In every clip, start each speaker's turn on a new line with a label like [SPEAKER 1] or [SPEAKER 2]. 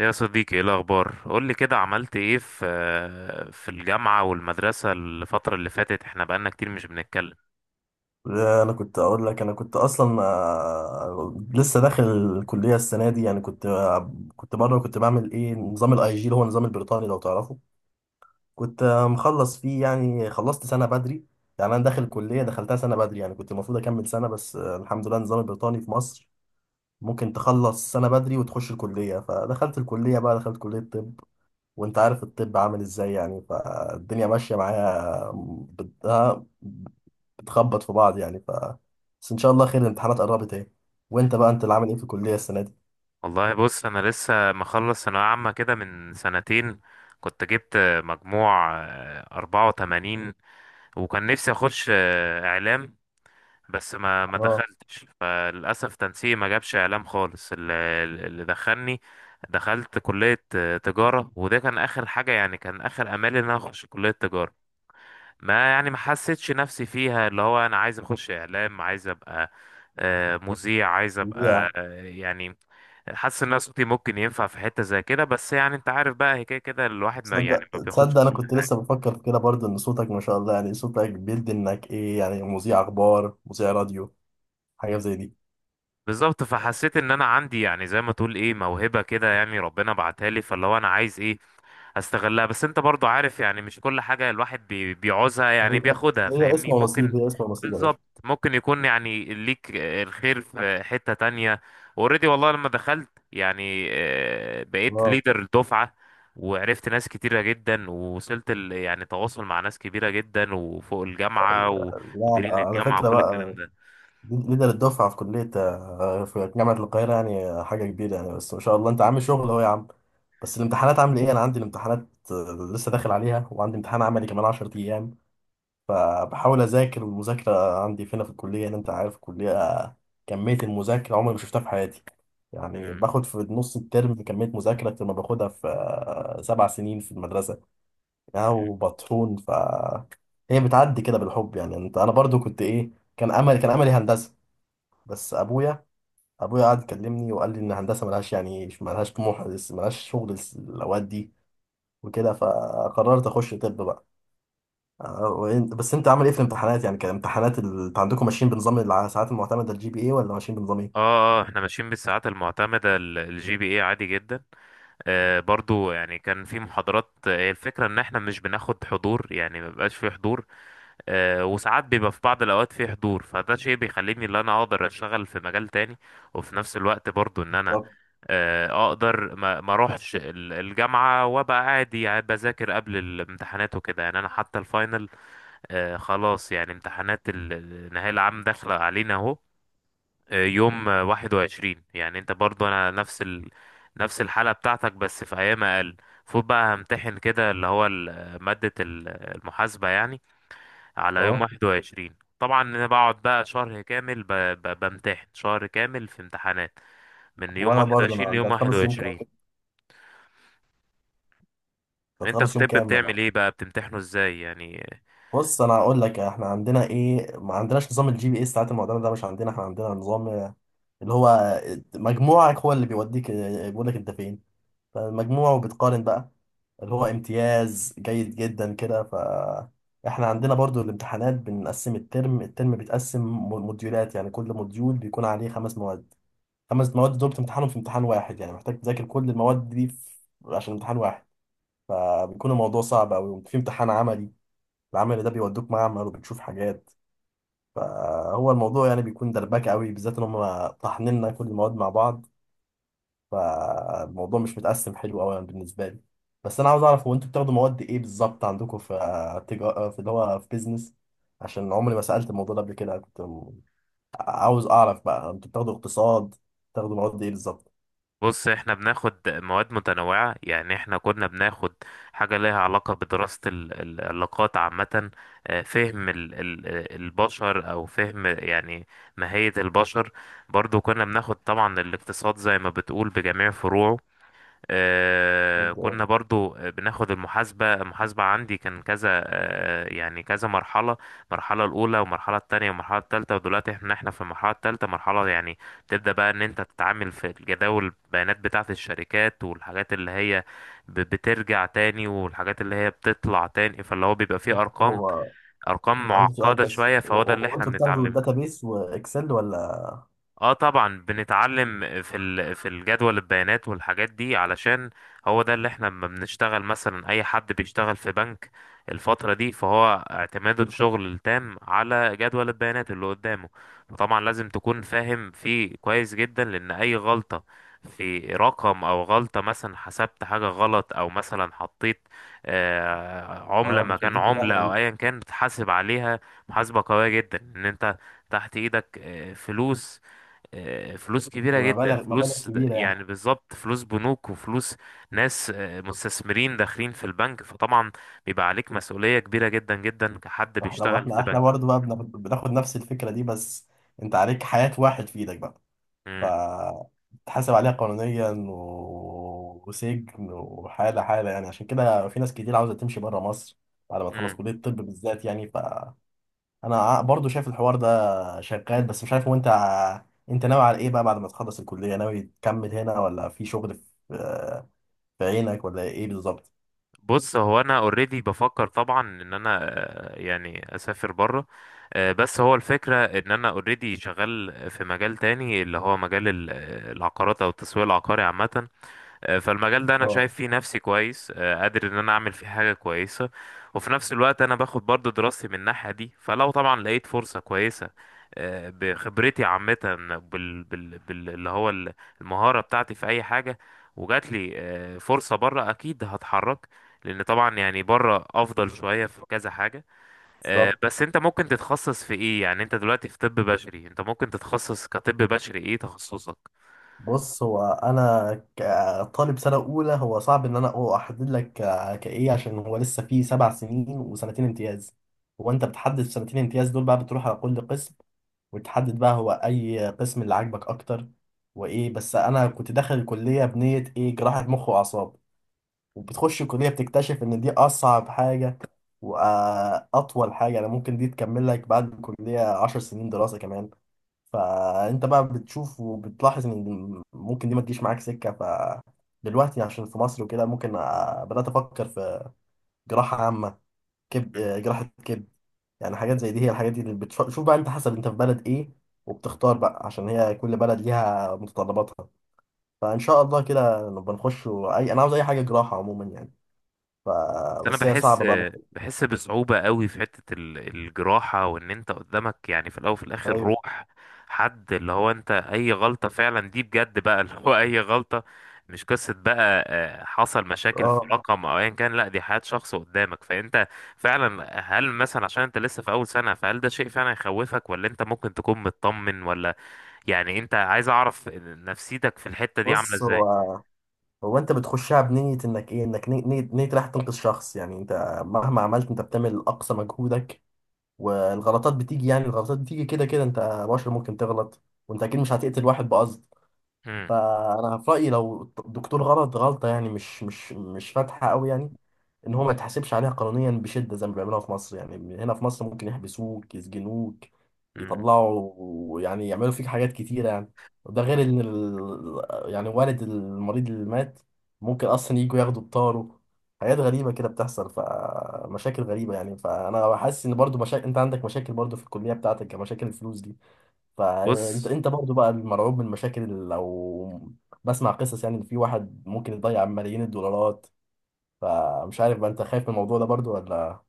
[SPEAKER 1] يا صديقي، ايه الاخبار؟ قول لي كده، عملت ايه في الجامعه والمدرسه الفتره اللي فاتت؟ احنا بقالنا كتير مش بنتكلم.
[SPEAKER 2] لا، انا كنت اقول لك، انا كنت اصلا لسه داخل الكليه السنه دي. يعني كنت كنت بره، كنت بعمل ايه نظام الاي جي اللي هو النظام البريطاني لو تعرفه. كنت مخلص فيه، يعني خلصت سنه بدري. يعني انا داخل الكليه، دخلتها سنه بدري، يعني كنت المفروض اكمل سنه، بس الحمد لله النظام البريطاني في مصر ممكن تخلص سنه بدري وتخش الكليه. فدخلت الكليه بقى، دخلت كليه طب، وانت عارف الطب عامل ازاي يعني، فالدنيا ماشية معايا. ها، بتخبط في بعض يعني. بس ان شاء الله خير، الامتحانات قربت اهي. وانت بقى، انت اللي عامل ايه في الكلية السنة دي؟
[SPEAKER 1] والله بص، انا لسه مخلص ثانويه عامه كده من سنتين. كنت جبت مجموع 84، وكان نفسي اخش اعلام، بس ما
[SPEAKER 2] اه.
[SPEAKER 1] دخلتش. فللاسف تنسيقي ما جابش اعلام خالص. اللي دخلني، دخلت كليه تجاره، وده كان اخر حاجه، يعني كان اخر امالي ان انا اخش كليه تجاره. ما يعني ما حسيتش نفسي فيها، اللي هو انا عايز اخش اعلام، عايز ابقى مذيع، عايز ابقى
[SPEAKER 2] يا.
[SPEAKER 1] يعني حاسس ان أنا صوتي ممكن ينفع في حتة زي كده. بس يعني انت عارف بقى، هي كده كده الواحد ما يعني
[SPEAKER 2] تصدق
[SPEAKER 1] ما بياخدش
[SPEAKER 2] تصدق انا
[SPEAKER 1] كل
[SPEAKER 2] كنت
[SPEAKER 1] حاجة.
[SPEAKER 2] لسه بفكر في كده برضه ان صوتك ما شاء الله، يعني صوتك بيدي انك ايه يعني، مذيع اخبار، مذيع راديو، حاجة زي دي.
[SPEAKER 1] بالظبط. فحسيت ان انا عندي يعني زي ما تقول ايه، موهبة كده، يعني ربنا بعتها لي. فاللي هو انا عايز ايه هستغلها. بس انت برضو عارف يعني مش كل حاجة الواحد بيعوزها، يعني
[SPEAKER 2] هي
[SPEAKER 1] بياخدها،
[SPEAKER 2] هي
[SPEAKER 1] فاهمني؟
[SPEAKER 2] اسم
[SPEAKER 1] اه ممكن.
[SPEAKER 2] ونصيب، هي اسم ونصيب يا باشا.
[SPEAKER 1] بالظبط، ممكن يكون يعني ليك الخير في حتة تانية. اوريدي والله لما دخلت يعني، بقيت
[SPEAKER 2] اه.
[SPEAKER 1] ليدر الدفعة، وعرفت ناس كتيرة جدا، ووصلت يعني تواصل مع ناس كبيرة جدا، وفوق الجامعة
[SPEAKER 2] لا لا،
[SPEAKER 1] ومديرين
[SPEAKER 2] على
[SPEAKER 1] الجامعة
[SPEAKER 2] فكرة
[SPEAKER 1] وكل
[SPEAKER 2] بقى،
[SPEAKER 1] الكلام ده.
[SPEAKER 2] ليدر الدفعة في كلية في جامعة القاهرة يعني، حاجة كبيرة يعني. بس ما شاء الله أنت عامل شغل أهو يا عم. بس الامتحانات عامل إيه؟ أنا عندي الامتحانات لسه داخل عليها، وعندي امتحان عملي كمان 10 أيام. فبحاول أذاكر، والمذاكرة عندي فينا في الكلية، يعني أنت عارف الكلية كمية المذاكرة عمري ما شفتها في حياتي. يعني
[SPEAKER 1] مم.
[SPEAKER 2] باخد في نص الترم كمية مذاكرة أكتر ما باخدها في 7 سنين في المدرسة. يعني
[SPEAKER 1] مم.
[SPEAKER 2] وبطحون. هي بتعدي كده بالحب يعني. أنت، أنا برضو كنت إيه، كان أمل، كان أملي هندسة، بس ابويا، ابويا قعد يكلمني وقال لي ان الهندسه ملهاش، يعني ملهاش طموح، ملهاش شغل، الاوقات دي وكده، فقررت اخش طب بقى. آه، بس انت عامل ايه في الامتحانات؟ يعني كان امتحانات انت عندكم ماشيين بنظام الساعات المعتمده الجي بي اي، ولا ماشيين بنظام ايه
[SPEAKER 1] اه، اه، احنا ماشيين بالساعات المعتمدة الجي بي اي عادي جدا. برضو يعني كان في محاضرات، هي الفكرة ان احنا مش بناخد حضور، يعني ما بيبقاش في حضور. وساعات بيبقى في بعض الاوقات في حضور، فده شيء بيخليني ان انا اقدر اشتغل في مجال تاني. وفي نفس الوقت برضو ان انا
[SPEAKER 2] بالظبط؟
[SPEAKER 1] اقدر ما اروحش الجامعة وابقى عادي، يعني بذاكر قبل الامتحانات وكده. يعني انا حتى الفاينل، خلاص يعني امتحانات النهاية العام داخلة علينا اهو. يوم 21، يعني انت برضو انا نفس نفس الحالة بتاعتك بس في ايام اقل. فوت بقى همتحن كده، اللي هو مادة المحاسبة يعني، على يوم
[SPEAKER 2] اه.
[SPEAKER 1] 21. طبعا انا بقعد بقى شهر كامل بمتحن شهر كامل في امتحانات، من يوم
[SPEAKER 2] وانا برضه،
[SPEAKER 1] 21
[SPEAKER 2] انا انت
[SPEAKER 1] ليوم
[SPEAKER 2] هتخلص يوم كام
[SPEAKER 1] 21.
[SPEAKER 2] كده؟ أنت
[SPEAKER 1] انت في
[SPEAKER 2] هتخلص يوم
[SPEAKER 1] طب
[SPEAKER 2] كام؟ انا
[SPEAKER 1] بتعمل ايه بقى، بتمتحنه ازاي يعني؟
[SPEAKER 2] بص، انا هقول لك. احنا عندنا ايه، ما عندناش نظام الجي بي اي الساعات المعتمده ده، مش عندنا. احنا عندنا نظام اللي هو مجموعك هو اللي بيوديك، بيقول لك انت فين فالمجموع، وبتقارن بقى اللي هو امتياز، جيد جدا كده. ف احنا عندنا برضو الامتحانات، بنقسم الترم، الترم بيتقسم موديولات، يعني كل موديول بيكون عليه 5 مواد. خمس مواد دول بتمتحنهم في امتحان واحد، يعني محتاج تذاكر كل المواد دي في... عشان امتحان واحد. فبيكون الموضوع صعب أوي. في امتحان عملي، العمل ده بيودوك معمل وبتشوف حاجات. فهو الموضوع يعني بيكون دربكة أوي، بالذات إن هم طاحنيننا كل المواد مع بعض. فالموضوع مش متقسم حلو قوي بالنسبه لي. بس انا عاوز اعرف، هو انتوا بتاخدوا مواد ايه بالظبط عندكم في تجارة، في اللي هو في بيزنس؟ عشان عمري ما سالت الموضوع ده قبل كده. كنت عاوز اعرف بقى، انتوا بتاخدوا اقتصاد، بتاخدوا مواد ايه بالظبط؟
[SPEAKER 1] بص، احنا بناخد مواد متنوعة، يعني احنا كنا بناخد حاجة ليها علاقة بدراسة العلاقات عامة، فهم البشر، او فهم يعني ماهية البشر. برضو كنا بناخد طبعا الاقتصاد زي ما بتقول بجميع فروعه.
[SPEAKER 2] أوكي.
[SPEAKER 1] كنا برضو بناخد المحاسبة. المحاسبة عندي كان كذا، يعني كذا مرحلة، المرحلة الأولى والمرحلة التانية والمرحلة التالتة، ودلوقتي احنا في المرحلة التالتة، مرحلة يعني تبدأ بقى ان انت تتعامل في الجداول البيانات بتاعة الشركات، والحاجات اللي هي بترجع تاني، والحاجات اللي هي بتطلع تاني. فاللي هو بيبقى فيه أرقام،
[SPEAKER 2] هو
[SPEAKER 1] أرقام
[SPEAKER 2] عندي سؤال
[SPEAKER 1] معقدة
[SPEAKER 2] بس،
[SPEAKER 1] شوية.
[SPEAKER 2] هو
[SPEAKER 1] فهو ده اللي
[SPEAKER 2] هو
[SPEAKER 1] احنا
[SPEAKER 2] انتوا بتاخدوا
[SPEAKER 1] بنتعلمه.
[SPEAKER 2] الداتابيس واكسل ولا؟
[SPEAKER 1] اه طبعا، بنتعلم في في الجدول البيانات والحاجات دي، علشان هو ده اللي احنا لما بنشتغل، مثلا اي حد بيشتغل في بنك الفترة دي، فهو اعتماده الشغل التام على جدول البيانات اللي قدامه. فطبعا لازم تكون فاهم فيه كويس جدا، لان اي غلطة في رقم، او غلطة مثلا حسبت حاجة غلط، او مثلا حطيت عملة
[SPEAKER 2] اه،
[SPEAKER 1] مكان
[SPEAKER 2] بتوديك في
[SPEAKER 1] عملة
[SPEAKER 2] داهيه
[SPEAKER 1] او
[SPEAKER 2] دي.
[SPEAKER 1] ايا كان، بتحاسب عليها. محاسبة قوية جدا، ان انت تحت ايدك فلوس، فلوس كبيرة جدا،
[SPEAKER 2] بمبالغ، مبالغ كبيره يعني.
[SPEAKER 1] يعني بالظبط فلوس بنوك وفلوس ناس مستثمرين داخلين في البنك. فطبعا بيبقى عليك مسؤولية كبيرة جدا جدا، كحد
[SPEAKER 2] احنا
[SPEAKER 1] بيشتغل
[SPEAKER 2] احنا
[SPEAKER 1] في
[SPEAKER 2] احنا
[SPEAKER 1] بنك.
[SPEAKER 2] برضه بقى بناخد نفس الفكره دي، بس انت عليك حياه واحد في ايدك بقى.
[SPEAKER 1] مم.
[SPEAKER 2] فتحاسب عليها قانونيا و... وسجن، وحالة حالة يعني. عشان كده في ناس كتير عاوزة تمشي بره مصر بعد ما تخلص
[SPEAKER 1] مم.
[SPEAKER 2] كلية الطب بالذات يعني. فأنا برضو شايف الحوار ده شغال، بس مش عارف هو أنت أنت ناوي على إيه بقى بعد ما تخلص الكلية؟ ناوي تكمل هنا ولا في شغل في في عينك ولا إيه بالظبط؟
[SPEAKER 1] بص، هو انا اوريدي بفكر طبعا ان انا يعني اسافر بره، بس هو الفكرة ان انا اوريدي شغال في مجال تاني، اللي هو مجال العقارات او التسويق العقاري عامة. فالمجال ده انا
[SPEAKER 2] اه.
[SPEAKER 1] شايف فيه نفسي كويس، قادر ان انا اعمل فيه حاجه كويسه. وفي نفس الوقت انا باخد برضو دراستي من الناحيه دي. فلو طبعا لقيت فرصه كويسه بخبرتي عامه اللي هو المهاره بتاعتي في اي حاجه، وجات لي فرصه بره، اكيد هتحرك، لان طبعا يعني بره افضل شويه في كذا حاجه.
[SPEAKER 2] بالظبط.
[SPEAKER 1] بس انت ممكن تتخصص في ايه يعني؟ انت دلوقتي في طب بشري، انت ممكن تتخصص كطب بشري، ايه تخصصك؟
[SPEAKER 2] بص، هو انا كطالب سنه اولى، هو صعب ان انا أو احدد لك كايه، عشان هو لسه فيه سبع سنين وسنتين امتياز. هو انت بتحدد سنتين امتياز دول بقى، بتروح على كل قسم، وتحدد بقى هو اي قسم اللي عاجبك اكتر. وايه، بس انا كنت داخل الكليه بنيه ايه، جراحه مخ واعصاب. وبتخش الكليه بتكتشف ان دي اصعب حاجه واطول حاجه. انا ممكن دي تكمل لك بعد الكليه 10 سنين دراسه كمان. فانت بقى بتشوف وبتلاحظ ان ممكن دي ما تجيش معاك سكه. فدلوقتي عشان في مصر وكده، ممكن بدات افكر في جراحه عامه، كبد، جراحه كبد يعني، حاجات زي دي. هي الحاجات دي اللي بتشوف بقى، انت حسب انت في بلد ايه، وبتختار بقى عشان هي كل بلد ليها متطلباتها. فان شاء الله كده نبقى نخش اي، انا عاوز اي حاجه جراحه عموما يعني. ف...
[SPEAKER 1] بس انا
[SPEAKER 2] بس هي
[SPEAKER 1] بحس
[SPEAKER 2] صعبه بقى.
[SPEAKER 1] بحس بصعوبة قوي في حتة الجراحة، وان انت قدامك يعني في الاول وفي الاخر
[SPEAKER 2] ايوه.
[SPEAKER 1] روح حد، اللي هو انت اي غلطة فعلا دي بجد بقى، اللي هو اي غلطة، مش قصة بقى حصل مشاكل في
[SPEAKER 2] اه،
[SPEAKER 1] رقم او ايا كان، لا دي حياة شخص قدامك. فانت فعلا هل مثلا، عشان انت لسه في اول سنة، فهل ده شيء فعلا يخوفك ولا انت ممكن تكون مطمن؟ ولا يعني انت عايز اعرف نفسيتك في الحتة دي عاملة
[SPEAKER 2] بص.
[SPEAKER 1] ازاي.
[SPEAKER 2] هو انت بتخشها بنية انك ايه، انك نية، نية رايح تنقذ شخص. يعني انت مهما عملت، انت بتعمل اقصى مجهودك، والغلطات بتيجي، يعني الغلطات بتيجي كده كده. انت بشر، ممكن تغلط، وانت اكيد مش هتقتل واحد بقصد.
[SPEAKER 1] مم.
[SPEAKER 2] فانا في رأيي لو الدكتور غلط غلطة يعني مش فاتحة قوي، يعني ان هو ما يتحاسبش عليها قانونيا بشده زي ما بيعملوها في مصر يعني. هنا في مصر ممكن يحبسوك، يسجنوك،
[SPEAKER 1] مم.
[SPEAKER 2] يطلعوا، يعني يعملوا فيك حاجات كتيره يعني. وده غير ان يعني والد المريض اللي مات ممكن اصلا يجوا ياخدوا بطاره. حاجات غريبه كده بتحصل، فمشاكل غريبه يعني. فانا حاسس ان برضو مشاكل، انت عندك مشاكل برضو في الكليه بتاعتك كمشاكل الفلوس دي. فانت
[SPEAKER 1] بص،
[SPEAKER 2] انت برضو بقى المرعوب من المشاكل لو بسمع قصص يعني ان في واحد ممكن يضيع ملايين الدولارات، فمش عارف بقى انت خايف من الموضوع ده برضو ولا.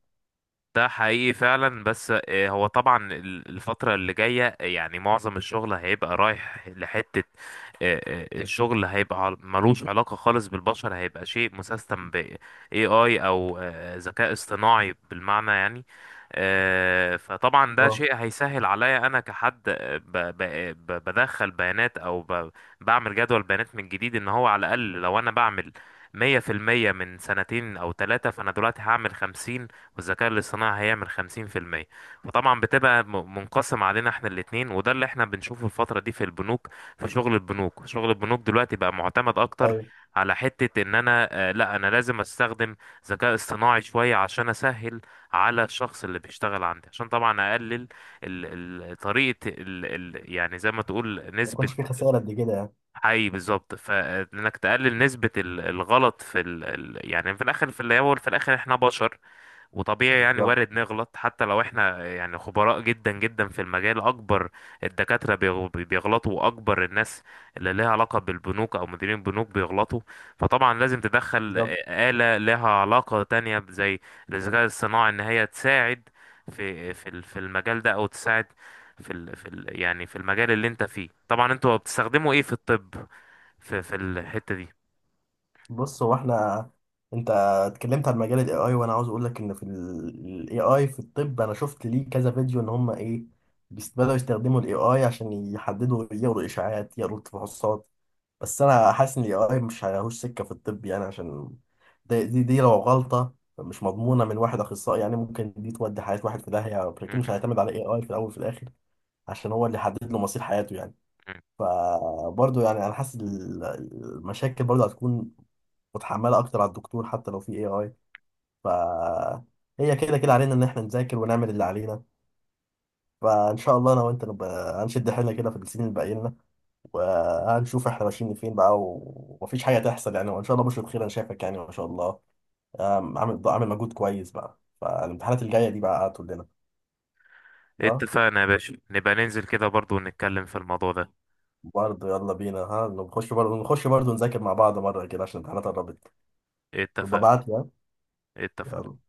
[SPEAKER 1] ده حقيقي فعلا، بس هو طبعا الفترة اللي جاية يعني معظم الشغل هيبقى رايح لحتة، الشغل هيبقى ملوش علاقة خالص بالبشر، هيبقى شيء مسيستم ب AI أو ذكاء اصطناعي بالمعنى يعني. فطبعا ده
[SPEAKER 2] اه.
[SPEAKER 1] شيء هيسهل عليا أنا كحد، بدخل بيانات أو بعمل جدول بيانات من جديد، إن هو على الأقل لو أنا بعمل 100% من سنتين أو ثلاثة، فأنا دلوقتي هعمل 50 والذكاء الاصطناعي هيعمل 50%. فطبعا بتبقى منقسم علينا احنا الاتنين، وده اللي احنا بنشوفه الفترة دي في البنوك، في شغل البنوك. شغل البنوك دلوقتي بقى معتمد اكتر
[SPEAKER 2] ايوه،
[SPEAKER 1] على حتة ان انا لا انا لازم استخدم ذكاء اصطناعي شوية، عشان اسهل على الشخص اللي بيشتغل عندي، عشان طبعا اقلل طريقة ال يعني زي ما تقول
[SPEAKER 2] ما
[SPEAKER 1] نسبة.
[SPEAKER 2] يكونش في خساره قد كده يعني.
[SPEAKER 1] حي بالظبط، فانك تقلل نسبة الغلط في يعني في الاخر، في الاول في الاخر احنا بشر، وطبيعي يعني
[SPEAKER 2] بالظبط.
[SPEAKER 1] وارد نغلط حتى لو احنا يعني خبراء جدا جدا في المجال. اكبر الدكاترة بيغلطوا، واكبر الناس اللي لها علاقة بالبنوك او مديرين البنوك بيغلطوا. فطبعا لازم تدخل
[SPEAKER 2] بالظبط.
[SPEAKER 1] آلة لها علاقة تانية زي الذكاء الصناعي، ان هي تساعد في المجال ده، او تساعد في ال يعني في المجال اللي انت فيه. طبعا انتوا بتستخدموا ايه في الطب، في الحتة دي؟
[SPEAKER 2] بص هو احنا، انت اتكلمت عن مجال الاي اي، وانا عاوز اقول لك ان في الاي اي في الطب، انا شفت ليه كذا فيديو ان هم ايه بدأوا يستخدموا الاي اي عشان يحددوا، يقروا اشاعات، يقروا تفحصات. بس انا حاسس ان الاي اي مش هيهوش سكه في الطب يعني. عشان دي لو غلطه مش مضمونه من واحد اخصائي يعني، ممكن دي تودي حياه واحد في داهيه. لكن مش
[SPEAKER 1] م-
[SPEAKER 2] هيعتمد على اي اي في الاول وفي الاخر، عشان هو اللي حدد له مصير حياته يعني.
[SPEAKER 1] م.
[SPEAKER 2] فبرضه يعني انا حاسس المشاكل برضه هتكون متحمله اكتر على الدكتور، حتى لو في اي اي. ف هي كده كده علينا ان احنا نذاكر ونعمل اللي علينا. فان شاء الله انا وانت نبقى هنشد حيلنا كده في السنين اللي باقي لنا، وهنشوف احنا ماشيين فين بقى. ومفيش حاجه تحصل يعني. وان شاء الله بشرة خير، انا شايفك يعني ما شاء الله، عامل عامل مجهود كويس بقى. فالامتحانات الجايه دي بقى هتقول لنا. ها،
[SPEAKER 1] اتفقنا يا باشا، نبقى ننزل كده برضو ونتكلم في الموضوع ده.
[SPEAKER 2] برضه يلا بينا. ها نخش برضه، نخش برضه نذاكر مع بعض مره كده عشان الامتحانات قربت.
[SPEAKER 1] اتفق.
[SPEAKER 2] ببعت لك.
[SPEAKER 1] اتفق.
[SPEAKER 2] يلا.